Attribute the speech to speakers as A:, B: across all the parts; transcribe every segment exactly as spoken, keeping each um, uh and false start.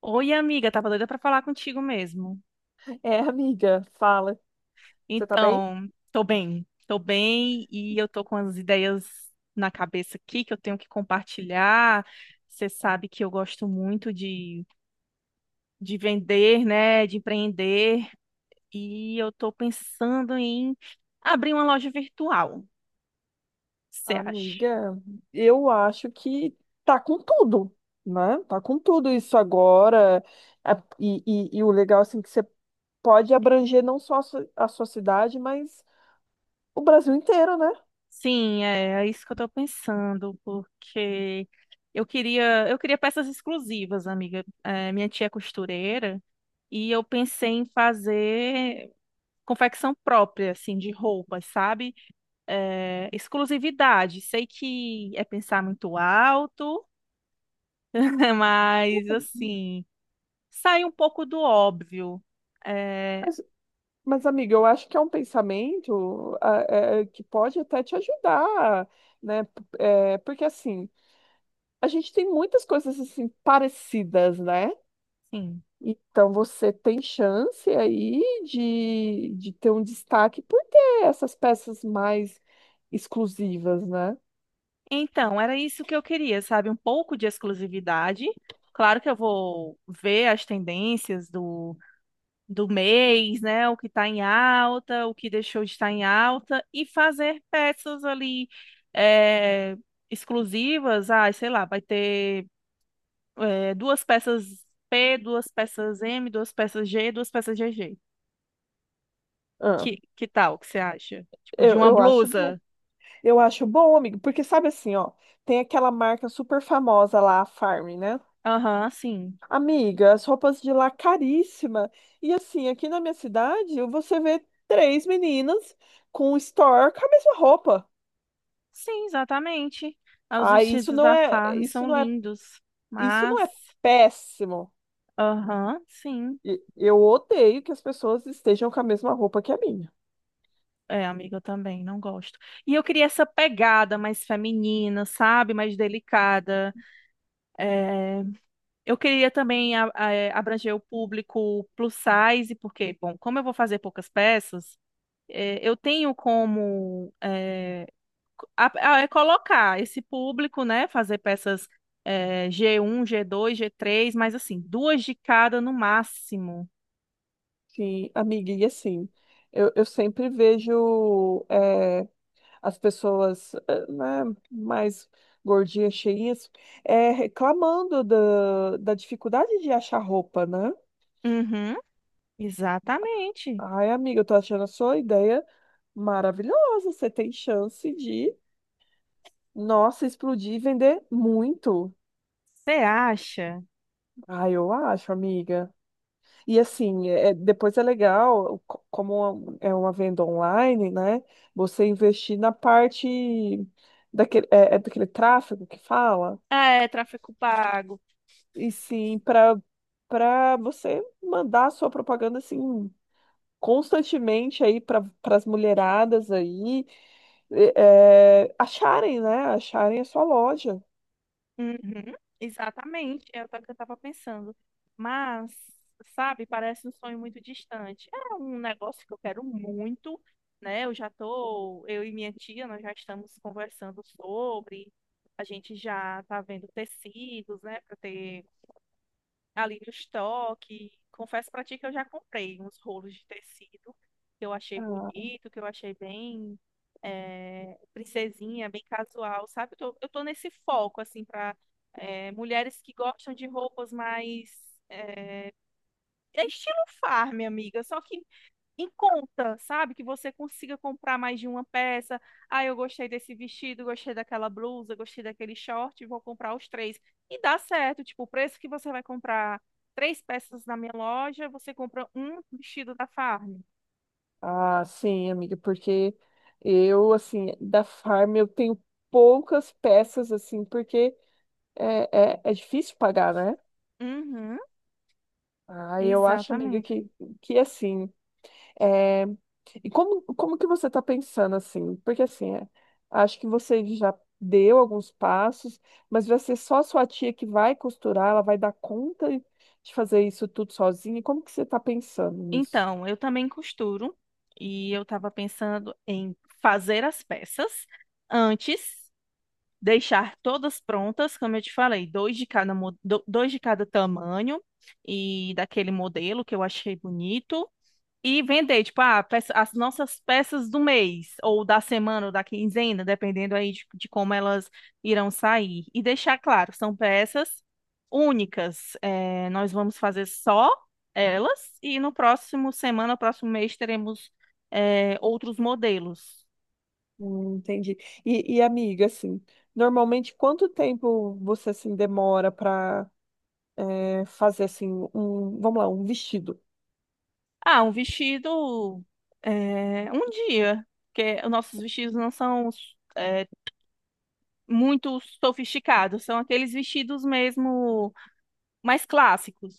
A: Oi, amiga, tava doida pra falar contigo mesmo.
B: É, amiga, fala. Você tá bem?
A: Então, tô bem, tô bem e eu tô com as ideias na cabeça aqui que eu tenho que compartilhar. Você sabe que eu gosto muito de, de vender, né, de empreender e eu tô pensando em abrir uma loja virtual. Você acha?
B: Amiga, eu acho que tá com tudo, né? Tá com tudo isso agora. A- E, e, e o legal, assim, que você pode abranger não só a su- a sua cidade, mas o Brasil inteiro, né?
A: Sim, é, é isso que eu tô pensando, porque eu queria, eu queria peças exclusivas, amiga. É, minha tia é costureira. E eu pensei em fazer confecção própria, assim, de roupas, sabe? É, exclusividade. Sei que é pensar muito alto, mas, assim, sai um pouco do óbvio. É,
B: Mas, mas, amiga, eu acho que é um pensamento ah, eh, que pode até te ajudar, né? P- eh, porque assim, a gente tem muitas coisas assim parecidas, né?
A: sim.
B: Então você tem chance aí de, de ter um destaque por ter essas peças mais exclusivas, né?
A: Então, era isso que eu queria, sabe? Um pouco de exclusividade. Claro que eu vou ver as tendências do do mês, né? O que está em alta, o que deixou de estar em alta, e fazer peças ali é, exclusivas. Ah, sei lá, vai ter é, duas peças P, duas peças M, duas peças G, duas peças G G.
B: Ah,
A: Que, que tal? O que você acha? Tipo, de
B: eu,
A: uma
B: eu acho
A: blusa.
B: Eu acho bom, amigo, porque sabe assim, ó, tem aquela marca super famosa lá, a Farm, né?
A: Aham, sim.
B: Amiga, as roupas de lá caríssima. E assim, aqui na minha cidade, você vê três meninas com um store com a mesma roupa.
A: Sim, exatamente. Ah, os
B: Ah, isso
A: vestidos
B: não
A: da
B: é,
A: Farm
B: isso
A: são
B: não é,
A: lindos,
B: isso
A: mas.
B: não é péssimo.
A: Aham, sim.
B: E- Eu odeio que as pessoas estejam com a mesma roupa que a minha.
A: É, amiga, eu também não gosto. E eu queria essa pegada mais feminina, sabe? Mais delicada. Eu queria também a- a- é, abranger o público plus size, porque, bom, como eu vou fazer poucas peças, é, eu tenho como é, co- a- a- é colocar esse público, né? Fazer peças é, g um, g dois, g três, mas assim, duas de cada no máximo.
B: Sim, amiga, e assim, eu, eu sempre vejo. Eh, as pessoas, eh, né, mais gordinhas, cheinhas, é, reclamando da, da dificuldade de achar roupa, né?
A: Uhum, exatamente.
B: Ai, amiga, eu tô achando a sua ideia maravilhosa. Você tem chance de, nossa, explodir e vender muito.
A: Você acha?
B: Ai, eu acho, amiga. E assim, é- é, depois é legal, co- como é um, é uma venda online, né? Você investir na parte daquele, é é daquele tráfego que fala.
A: Ah, é, tráfego pago.
B: E sim, para para você mandar a sua propaganda assim constantemente aí para as mulheradas aí e- é, acharem, né? Acharem a sua loja.
A: Uhum, exatamente, é o que eu estava pensando. Mas, sabe, parece um sonho muito distante. É um negócio que eu quero muito, né? Eu já tô, eu e minha tia, nós já estamos conversando sobre. A gente já tá vendo tecidos, né, para ter ali no estoque. Confesso pra ti que eu já comprei uns rolos de tecido que eu achei
B: Ah,
A: bonito, que eu achei bem eh, princesinha, bem casual, sabe? Eu tô, eu tô nesse foco, assim, pra eh, mulheres que gostam de roupas mais. eh, É estilo farm, amiga, só que em conta, sabe? Que você consiga comprar mais de uma peça. Ah, eu gostei desse vestido, gostei daquela blusa, gostei daquele short, vou comprar os três. E dá certo, tipo, o preço que você vai comprar três peças na minha loja, você compra um vestido da Farm.
B: ah, sim, amiga, porque eu assim da Farm eu tenho poucas peças assim, porque é, é, é difícil pagar, né?
A: Uhum,
B: Ah, eu acho, amiga,
A: exatamente.
B: que, que assim É, e como, como que você está pensando assim? Porque assim, é, acho que você já deu alguns passos, mas vai ser só a sua tia que vai costurar, ela vai dar conta de fazer isso tudo sozinha. Como que você está pensando nisso?
A: Então, eu também costuro e eu estava pensando em fazer as peças antes deixar todas prontas, como eu te falei, dois de cada, mo- do- dois de cada tamanho e daquele modelo que eu achei bonito. E vender, tipo, ah, peça- as nossas peças do mês, ou da semana, ou da quinzena, dependendo aí de, de como elas irão sair. E deixar claro, são peças únicas. É, nós vamos fazer só elas, e no próximo semana, próximo mês, teremos, é, outros modelos.
B: Hum, entendi. E, e, amiga, assim, normalmente quanto tempo você assim demora para fazer assim um, vamos lá, um vestido?
A: Ah, um vestido, é, um dia, porque os nossos vestidos não são é, muito sofisticados, são aqueles vestidos mesmo mais clássicos.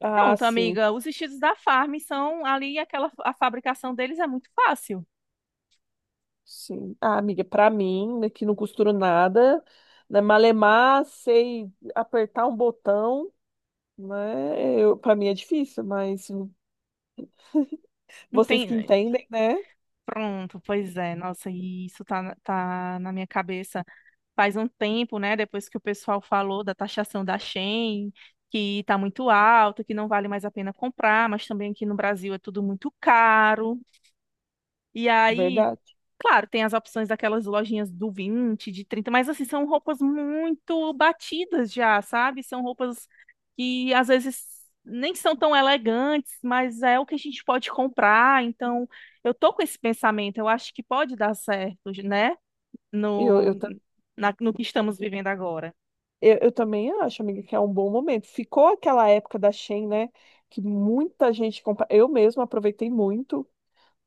B: Ah,
A: Pronto,
B: sim.
A: amiga, os vestidos da Farm são ali, aquela, a fabricação deles é muito fácil.
B: Sim. Ah, amiga, pra mim, né, que não costuro nada, né, malemar, sei apertar um botão, né? Eu, para mim é difícil, mas
A: Não
B: vocês que
A: tem.
B: entendem, né?
A: Pronto, pois é, nossa, e isso tá, na- tá na minha cabeça faz um tempo, né, depois que o pessoal falou da taxação da Shein, que está muito alta, que não vale mais a pena comprar, mas também aqui no Brasil é tudo muito caro. E aí,
B: Verdade.
A: claro, tem as opções daquelas lojinhas do vinte, de trinta. Mas assim, são roupas muito batidas já, sabe? São roupas que às vezes nem são tão elegantes, mas é o que a gente pode comprar. Então, eu tô com esse pensamento, eu acho que pode dar certo, né?
B: Eu, eu,
A: No,
B: ta-
A: na- no que estamos vivendo agora.
B: eu, eu também acho, amiga, que é um bom momento. Ficou aquela época da Shein, né? Que muita gente compra. Eu mesma aproveitei muito,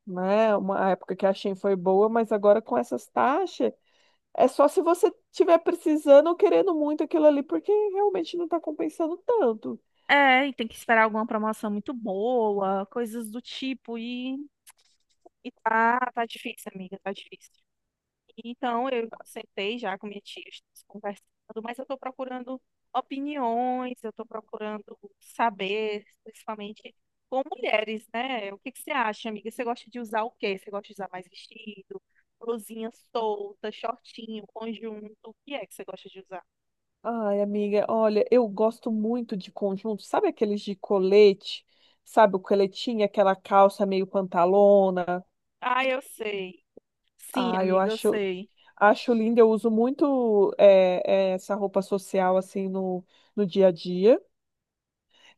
B: né? Uma época que a Shein foi boa, mas agora com essas taxas, é só se você estiver precisando ou querendo muito aquilo ali, porque realmente não está compensando tanto.
A: É, e tem que esperar alguma promoção muito boa, coisas do tipo, e, e tá, tá difícil, amiga, tá difícil. Então, eu sentei já com minha tia, estamos conversando, mas eu tô procurando opiniões, eu tô procurando saber, principalmente com mulheres, né? O que que você acha, amiga? Você gosta de usar o quê? Você gosta de usar mais vestido, blusinha solta, shortinho, conjunto? O que é que você gosta de usar?
B: Ai, amiga, olha, eu gosto muito de conjunto, sabe aqueles de colete? Sabe o coletinho, aquela calça meio pantalona?
A: Ah, eu sei. Sim,
B: Ah, eu
A: amiga, eu
B: acho,
A: sei.
B: acho lindo, eu uso muito é, é, essa roupa social assim no, no dia a dia.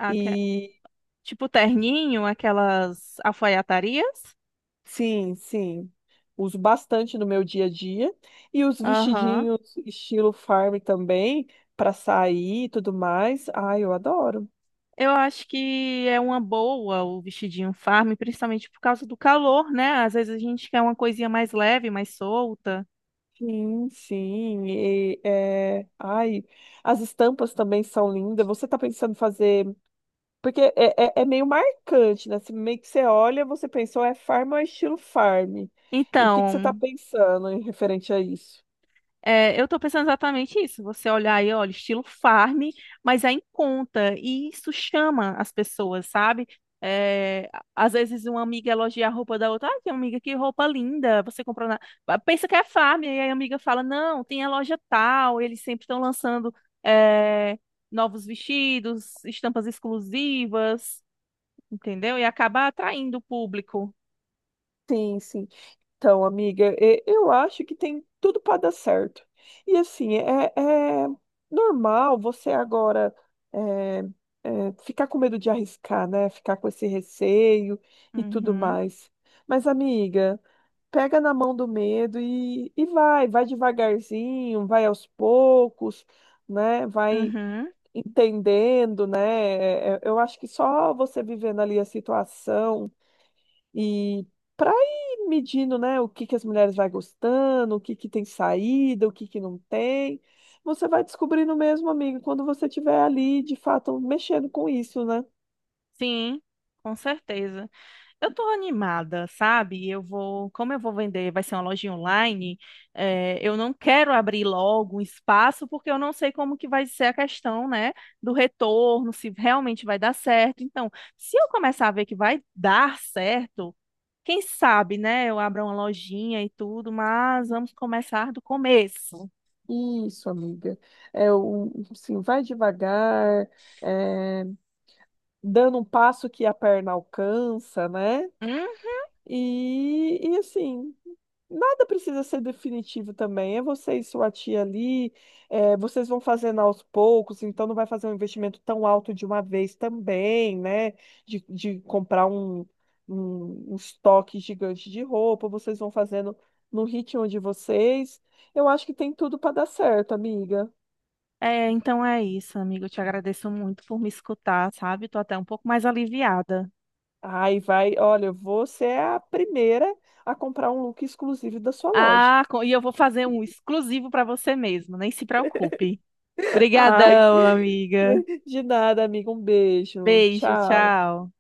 B: E
A: Tipo terninho, aquelas alfaiatarias.
B: sim, sim, uso bastante no meu dia a dia. E os
A: Aham.
B: vestidinhos estilo farm também, para sair e tudo mais. Ai, eu adoro.
A: Eu acho que é uma boa o vestidinho farm, principalmente por causa do calor, né? Às vezes a gente quer uma coisinha mais leve, mais solta.
B: Sim, sim. E, é... Ai, as estampas também são lindas. Você tá pensando em fazer. Porque é, é, é meio marcante, né? Você, meio que você olha, você pensou, é farm ou é estilo farm? E o que que você tá
A: Então,
B: pensando em referente a isso?
A: é, eu estou pensando exatamente isso. Você olhar aí, olha, estilo farm, mas é em conta. E isso chama as pessoas, sabe? É, a- às vezes uma amiga elogia a roupa da outra. Ah, que amiga, que roupa linda. Você comprou na... Ah, pensa que é farm. E aí a amiga fala, não, tem a loja tal. Eles sempre estão lançando é, novos vestidos, estampas exclusivas, entendeu? E acaba atraindo o público.
B: Sim, sim. Então, amiga, e- eu acho que tem tudo para dar certo. E assim, é, é normal você agora é, é, ficar com medo de arriscar, né? Ficar com esse receio e tudo
A: Uhum,
B: mais. Mas, amiga, pega na mão do medo e, e vai, vai devagarzinho, vai aos poucos, né? Vai
A: uhum.
B: entendendo, né? É, é, eu acho que só você vivendo ali a situação e para ir medindo, né, o que que as mulheres vai gostando, o que que tem saída, o que que não tem, você vai descobrindo mesmo, amiga, quando você estiver ali, de fato, mexendo com isso, né?
A: Sim, com certeza. Eu tô animada, sabe? Eu vou, como eu vou vender, vai ser uma lojinha online, eh, eu não quero abrir logo um espaço, porque eu não sei como que vai ser a questão, né, do retorno, se realmente vai dar certo. Então, se eu começar a ver que vai dar certo, quem sabe, né, eu abra uma lojinha e tudo, mas vamos começar do começo.
B: Isso, amiga. É, o, assim, vai devagar, é, dando um passo que a perna alcança, né?
A: Hum?
B: E, e assim, nada precisa ser definitivo também. É você e sua tia ali, é, vocês vão fazendo aos poucos, então não vai fazer um investimento tão alto de uma vez também, né? De, de comprar um, um, um estoque gigante de roupa, vocês vão fazendo no ritmo de vocês. Eu acho que tem tudo para dar certo, amiga.
A: É, então é isso, amigo. Eu te agradeço muito por me escutar, sabe? Tô até um pouco mais aliviada.
B: Ai, vai, olha, você é a primeira a comprar um look exclusivo da sua loja.
A: Ah, co- e eu vou fazer um exclusivo para você mesmo, nem se preocupe.
B: Ai,
A: Obrigadão, amiga.
B: de nada, amiga. Um beijo.
A: Beijo,
B: Tchau.
A: tchau.